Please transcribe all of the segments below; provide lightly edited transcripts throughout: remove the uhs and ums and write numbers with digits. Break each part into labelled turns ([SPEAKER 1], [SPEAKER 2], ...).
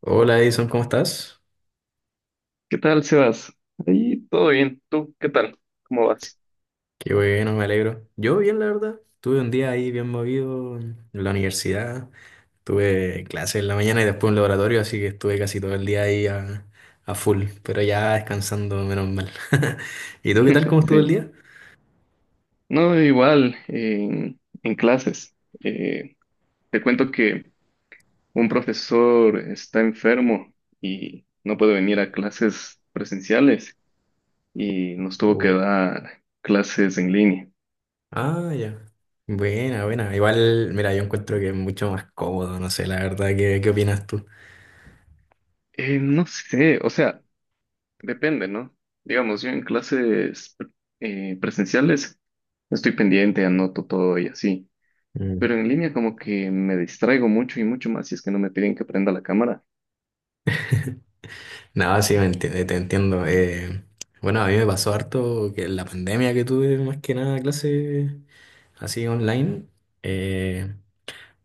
[SPEAKER 1] Hola Edison, ¿cómo estás?
[SPEAKER 2] ¿Qué tal, Sebas? Ahí todo bien. ¿Tú qué tal? ¿Cómo vas?
[SPEAKER 1] Qué bueno, me alegro. Yo bien, la verdad. Tuve un día ahí bien movido en la universidad. Tuve clases en la mañana y después un laboratorio, así que estuve casi todo el día ahí a full, pero ya descansando, menos mal. ¿Y tú qué tal? ¿Cómo estuvo el
[SPEAKER 2] Sí.
[SPEAKER 1] día?
[SPEAKER 2] No, igual, en clases. Eh, te cuento que un profesor está enfermo y no puede venir a clases presenciales y nos tuvo que
[SPEAKER 1] Oh.
[SPEAKER 2] dar clases en línea.
[SPEAKER 1] Ah, ya. Buena, buena. Igual, mira, yo encuentro que es mucho más cómodo, no sé, la verdad, ¿qué opinas tú?
[SPEAKER 2] No sé, o sea, depende, ¿no? Digamos, yo en clases presenciales estoy pendiente, anoto todo y así.
[SPEAKER 1] Mm.
[SPEAKER 2] Pero en línea como que me distraigo mucho y mucho más si es que no me piden que prenda la cámara.
[SPEAKER 1] Nada, sí, te entiendo. Bueno, a mí me pasó harto que en la pandemia que tuve más que nada clase así online. eh,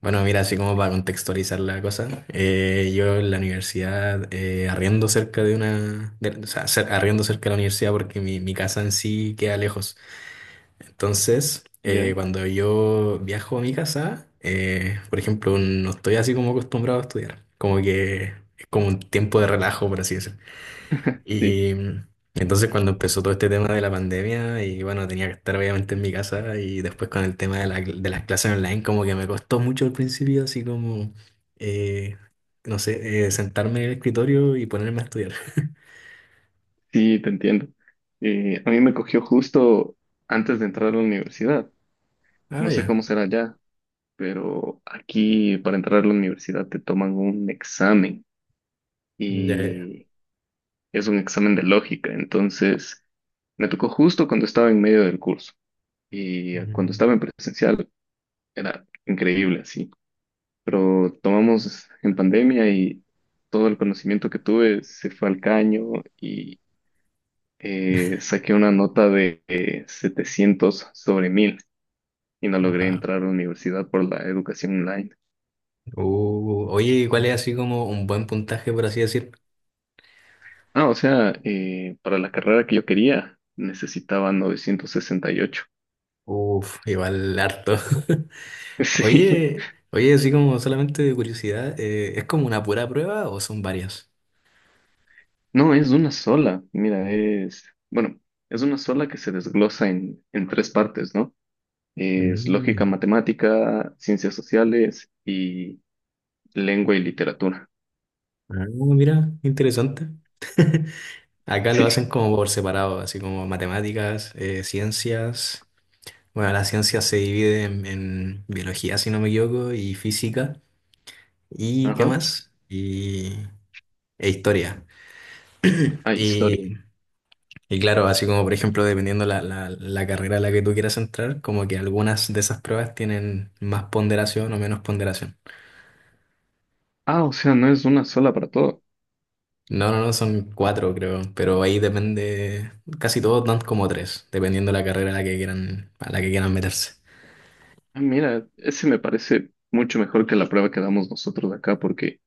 [SPEAKER 1] bueno, mira, así como para contextualizar la cosa, yo en la universidad arriendo cerca de o sea, arriendo cerca de la universidad porque mi casa en sí queda lejos. Entonces,
[SPEAKER 2] Ya,
[SPEAKER 1] cuando yo viajo a mi casa, por ejemplo, no estoy así como acostumbrado a estudiar. Como que es como un tiempo de relajo, por así decirlo.
[SPEAKER 2] sí,
[SPEAKER 1] Y entonces cuando empezó todo este tema de la pandemia y bueno, tenía que estar obviamente en mi casa y después con el tema de las clases online como que me costó mucho al principio, así como, eh, no sé, sentarme en el escritorio y ponerme a estudiar.
[SPEAKER 2] sí, te entiendo. A mí me cogió justo antes de entrar a la universidad.
[SPEAKER 1] Ah,
[SPEAKER 2] No sé
[SPEAKER 1] ya.
[SPEAKER 2] cómo será ya, pero aquí para entrar a la universidad te toman un examen
[SPEAKER 1] Ya, ya, ya.
[SPEAKER 2] y es un examen de lógica. Entonces, me tocó justo cuando estaba en medio del curso y cuando
[SPEAKER 1] Mm.
[SPEAKER 2] estaba en presencial era increíble, así. Pero tomamos en pandemia y todo el conocimiento que tuve se fue al caño y saqué una nota de 700 sobre 1000 y no logré
[SPEAKER 1] Guau.
[SPEAKER 2] entrar a la universidad por la educación online.
[SPEAKER 1] Oye, ¿cuál es así como un buen puntaje, por así decir?
[SPEAKER 2] Ah, o sea, para la carrera que yo quería necesitaba 968.
[SPEAKER 1] Uf, igual harto.
[SPEAKER 2] Sí,
[SPEAKER 1] Oye, oye, así como solamente de curiosidad, ¿es como una pura prueba o son varias?
[SPEAKER 2] no, es una sola. Mira, es, bueno, es una sola que se desglosa en tres partes, ¿no? Es lógica
[SPEAKER 1] Mm.
[SPEAKER 2] matemática, ciencias sociales y lengua y literatura.
[SPEAKER 1] Ah, mira, interesante. Acá lo
[SPEAKER 2] Sí.
[SPEAKER 1] hacen como por separado, así como matemáticas, ciencias. Bueno, la ciencia se divide en biología, si no me equivoco, y física, y qué
[SPEAKER 2] Ajá.
[SPEAKER 1] más, e historia.
[SPEAKER 2] Ah, historia.
[SPEAKER 1] Y, y claro, así como por ejemplo, dependiendo la carrera a la que tú quieras entrar, como que algunas de esas pruebas tienen más ponderación o menos ponderación.
[SPEAKER 2] Ah, o sea, no es una sola para todo.
[SPEAKER 1] No, no, no, son cuatro creo, pero ahí depende, casi todos dan como tres, dependiendo de la carrera a la que quieran, a la que quieran meterse.
[SPEAKER 2] Ah, mira, ese me parece mucho mejor que la prueba que damos nosotros acá, porque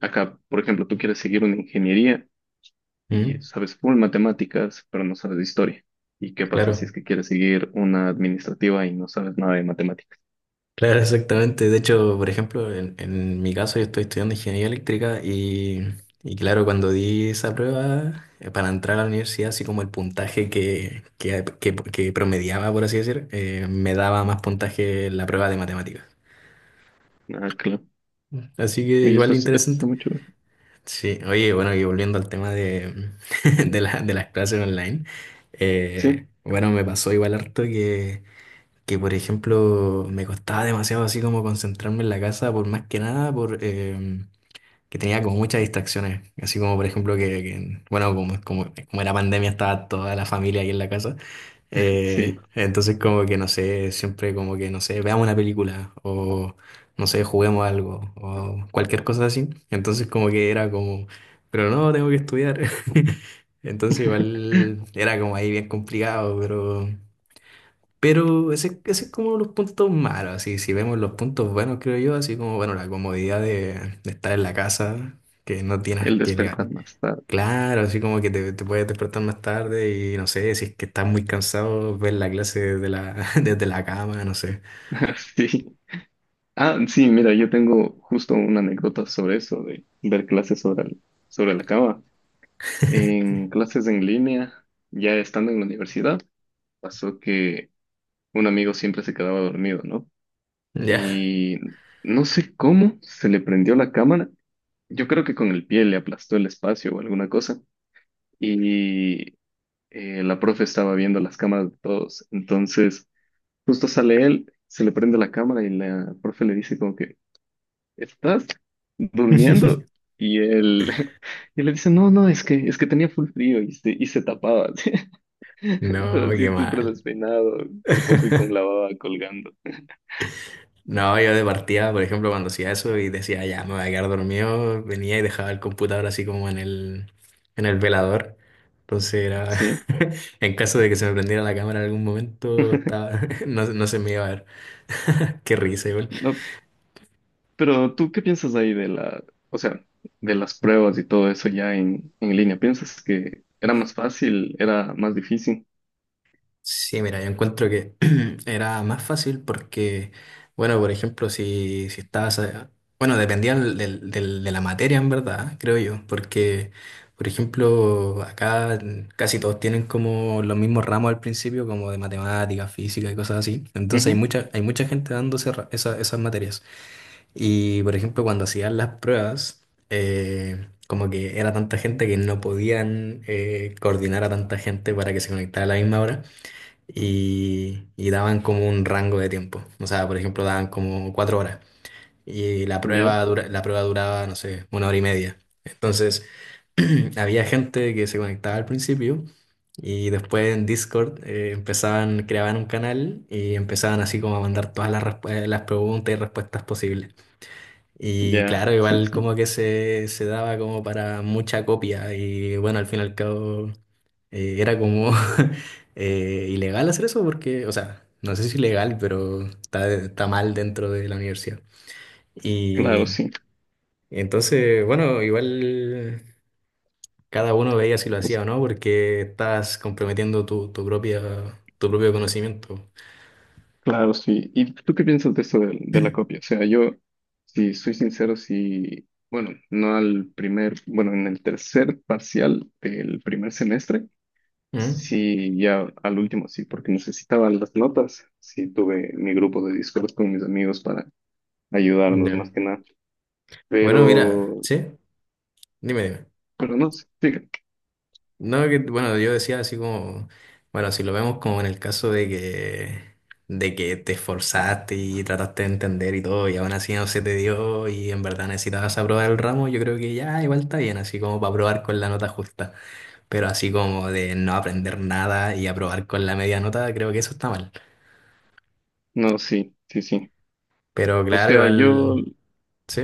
[SPEAKER 2] acá, por ejemplo, tú quieres seguir una ingeniería y
[SPEAKER 1] Mm.
[SPEAKER 2] sabes full matemáticas, pero no sabes de historia. ¿Y qué pasa si es
[SPEAKER 1] Claro,
[SPEAKER 2] que quieres seguir una administrativa y no sabes nada de matemáticas?
[SPEAKER 1] claro, exactamente. De hecho, por ejemplo, en mi caso yo estoy estudiando ingeniería eléctrica y claro, cuando di esa prueba para entrar a la universidad, así como el puntaje que promediaba, por así decir, me daba más puntaje la prueba de matemáticas.
[SPEAKER 2] Ah, claro.
[SPEAKER 1] Así que
[SPEAKER 2] Oye, eso,
[SPEAKER 1] igual
[SPEAKER 2] eso está
[SPEAKER 1] interesante.
[SPEAKER 2] muy chulo.
[SPEAKER 1] Sí, oye, bueno, y volviendo al tema de, de las clases online,
[SPEAKER 2] Sí,
[SPEAKER 1] bueno, me pasó igual harto que, por ejemplo, me costaba demasiado así como concentrarme en la casa, por más que nada, por que tenía como muchas distracciones, así como por ejemplo bueno, como era pandemia, estaba toda la familia ahí en la casa,
[SPEAKER 2] sí.
[SPEAKER 1] entonces como que no sé, siempre como que no sé, veamos una película o no sé, juguemos algo o cualquier cosa así. Entonces como que era como, pero no, tengo que estudiar. Entonces igual era como ahí bien complicado, pero ese es como los puntos malos, así si vemos los puntos buenos creo yo, así como bueno, la comodidad de estar en la casa, que no tienes
[SPEAKER 2] El
[SPEAKER 1] que leer.
[SPEAKER 2] despertar más tarde.
[SPEAKER 1] Claro, así como que te puedes despertar más tarde y no sé, si es que estás muy cansado, ver la clase desde la, desde la cama, no sé.
[SPEAKER 2] Sí. Ah, sí, mira, yo tengo justo una anécdota sobre eso, de ver clases sobre, sobre la cama. En clases en línea, ya estando en la universidad, pasó que un amigo siempre se quedaba dormido, ¿no?
[SPEAKER 1] Ya.
[SPEAKER 2] Y no sé cómo se le prendió la cámara. Yo creo que con el pie le aplastó el espacio o alguna cosa. Y la profe estaba viendo las cámaras de todos. Entonces, justo sale él, se le prende la cámara y la profe le dice como que... ¿estás durmiendo? Y él, y le dice, no, no, es que tenía full frío y se tapaba, así. Pero
[SPEAKER 1] No, qué
[SPEAKER 2] así súper
[SPEAKER 1] mal.
[SPEAKER 2] despeinado, por poco y con la baba colgando,
[SPEAKER 1] No, yo de partida, por ejemplo, cuando hacía eso y decía, ya, me voy a quedar dormido, venía y dejaba el computador así como en el velador. Entonces era,
[SPEAKER 2] ¿sí?
[SPEAKER 1] en caso de que se me prendiera la cámara en algún momento, no, no se me iba a ver. Qué risa, igual.
[SPEAKER 2] No, pero tú, ¿qué piensas ahí de la, o sea, de las pruebas y todo eso ya en línea? ¿Piensas que era más fácil, era más difícil?
[SPEAKER 1] Sí, mira, yo encuentro que era más fácil porque, bueno, por ejemplo, si estabas, bueno, dependía de la materia en verdad, creo yo, porque, por ejemplo, acá casi todos tienen como los mismos ramos al principio, como de matemáticas, física y cosas así. Entonces hay
[SPEAKER 2] Ujú.
[SPEAKER 1] mucha, hay mucha gente dando esas materias. Y, por ejemplo, cuando hacían las pruebas, como que era tanta gente que no podían coordinar a tanta gente para que se conectara a la misma hora y daban como un rango de tiempo. O sea, por ejemplo, daban como 4 horas y la
[SPEAKER 2] Ya,
[SPEAKER 1] prueba, la prueba duraba, no sé, 1 hora y media. Entonces, había gente que se conectaba al principio y después en Discord empezaban, creaban un canal y empezaban así como a mandar todas las preguntas y respuestas posibles. Y
[SPEAKER 2] ya,
[SPEAKER 1] claro,
[SPEAKER 2] sí,
[SPEAKER 1] igual
[SPEAKER 2] sí,
[SPEAKER 1] como que se daba como para mucha copia y bueno, al fin y al cabo era como ilegal hacer eso porque, o sea, no sé si ilegal, pero está mal dentro de la universidad.
[SPEAKER 2] claro,
[SPEAKER 1] Y
[SPEAKER 2] sí.
[SPEAKER 1] entonces, bueno, igual cada uno veía si lo hacía o no porque estás comprometiendo tu propio conocimiento.
[SPEAKER 2] Claro, sí. ¿Y tú qué piensas de eso de la copia? O sea, yo, si soy sincero, si, bueno, no al primer, bueno, en el tercer parcial del primer semestre,
[SPEAKER 1] ¿Mm?
[SPEAKER 2] sí, ya al último, sí, porque necesitaba las notas, sí, tuve mi grupo de Discord con mis amigos para ayudarnos más
[SPEAKER 1] Ya.
[SPEAKER 2] que nada,
[SPEAKER 1] Bueno, mira,
[SPEAKER 2] pero,
[SPEAKER 1] sí, dime, dime.
[SPEAKER 2] pero no, sí,
[SPEAKER 1] No, que, bueno, yo decía así como, bueno, si lo vemos como en el caso de que te esforzaste y trataste de entender y todo, y aún así no se te dio y en verdad necesitabas aprobar el ramo, yo creo que ya igual está bien, así como para aprobar con la nota justa, pero así como de no aprender nada y aprobar con la media nota, creo que eso está mal.
[SPEAKER 2] no, sí, sí, sí.
[SPEAKER 1] Pero
[SPEAKER 2] O
[SPEAKER 1] claro,
[SPEAKER 2] sea, yo
[SPEAKER 1] igual, sí.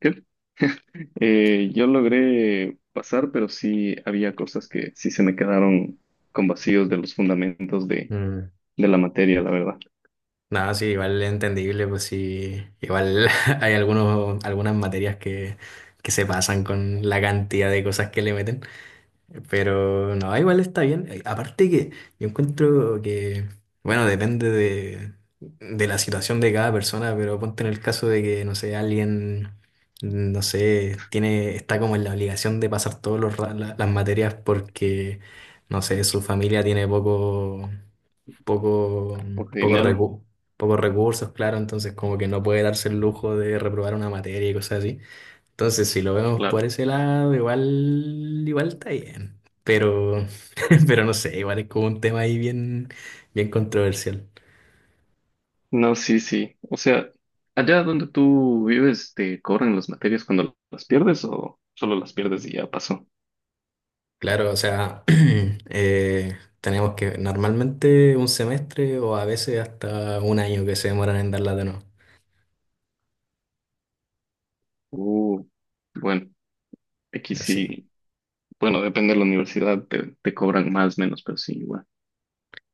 [SPEAKER 2] ¿qué? Yo logré pasar, pero sí había cosas que sí se me quedaron con vacíos de los fundamentos
[SPEAKER 1] Mm.
[SPEAKER 2] de la materia, la verdad.
[SPEAKER 1] Nada, sí, igual es entendible, pues sí, igual hay algunas materias que se pasan con la cantidad de cosas que le meten, pero no, igual está bien. Aparte que yo encuentro que, bueno, depende de la situación de cada persona, pero ponte en el caso de que, no sé, alguien, no sé, está como en la obligación de pasar todas las materias porque, no sé, su familia tiene poco, mm,
[SPEAKER 2] Porque
[SPEAKER 1] poco
[SPEAKER 2] dinero,
[SPEAKER 1] recu- pocos recursos, claro, entonces como que no puede darse el lujo de reprobar una materia y cosas así. Entonces, si lo vemos
[SPEAKER 2] claro.
[SPEAKER 1] por ese lado, igual, igual está bien. Pero, pero no sé, igual es como un tema ahí bien, bien controversial.
[SPEAKER 2] No, sí, sí. O sea, allá donde tú vives, ¿te cobran las materias cuando las pierdes o solo las pierdes y ya pasó?
[SPEAKER 1] Claro, o sea, tenemos que normalmente un semestre o a veces hasta un año que se demoran en darla de nuevo.
[SPEAKER 2] Uh, bueno, aquí
[SPEAKER 1] Así.
[SPEAKER 2] sí. Bueno, depende de la universidad, te cobran más, menos, pero sí, igual.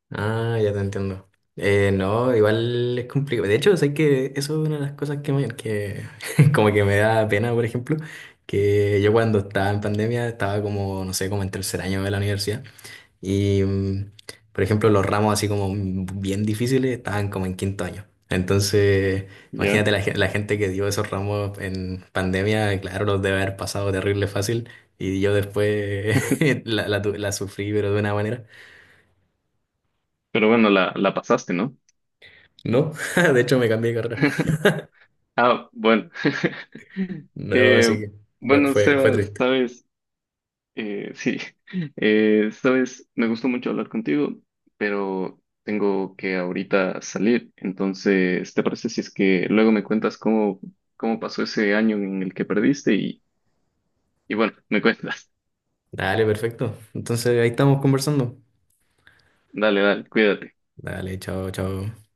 [SPEAKER 1] Ah, ya te entiendo. No, igual es complicado. De hecho, sé que eso es una de las cosas que como que me da pena, por ejemplo, que yo cuando estaba en pandemia estaba como, no sé, como en tercer año de la universidad y, por ejemplo, los ramos así como bien difíciles estaban como en quinto año. Entonces,
[SPEAKER 2] Ya.
[SPEAKER 1] imagínate la gente que dio esos ramos en pandemia, claro, los debe haber pasado terrible fácil y yo después la sufrí, pero de una manera.
[SPEAKER 2] Pero bueno, la pasaste, ¿no?
[SPEAKER 1] No, de hecho me cambié de carrera.
[SPEAKER 2] Ah, bueno.
[SPEAKER 1] No, así
[SPEAKER 2] Eh,
[SPEAKER 1] que fue,
[SPEAKER 2] bueno,
[SPEAKER 1] fue, fue
[SPEAKER 2] Sebas,
[SPEAKER 1] triste.
[SPEAKER 2] sabes, sí, sabes, me gustó mucho hablar contigo, pero tengo que ahorita salir. Entonces, ¿te parece si es que luego me cuentas cómo, cómo pasó ese año en el que perdiste? Y bueno, me cuentas.
[SPEAKER 1] Dale, perfecto. Entonces ahí estamos conversando.
[SPEAKER 2] Dale, dale, cuídate.
[SPEAKER 1] Dale, chao, chao.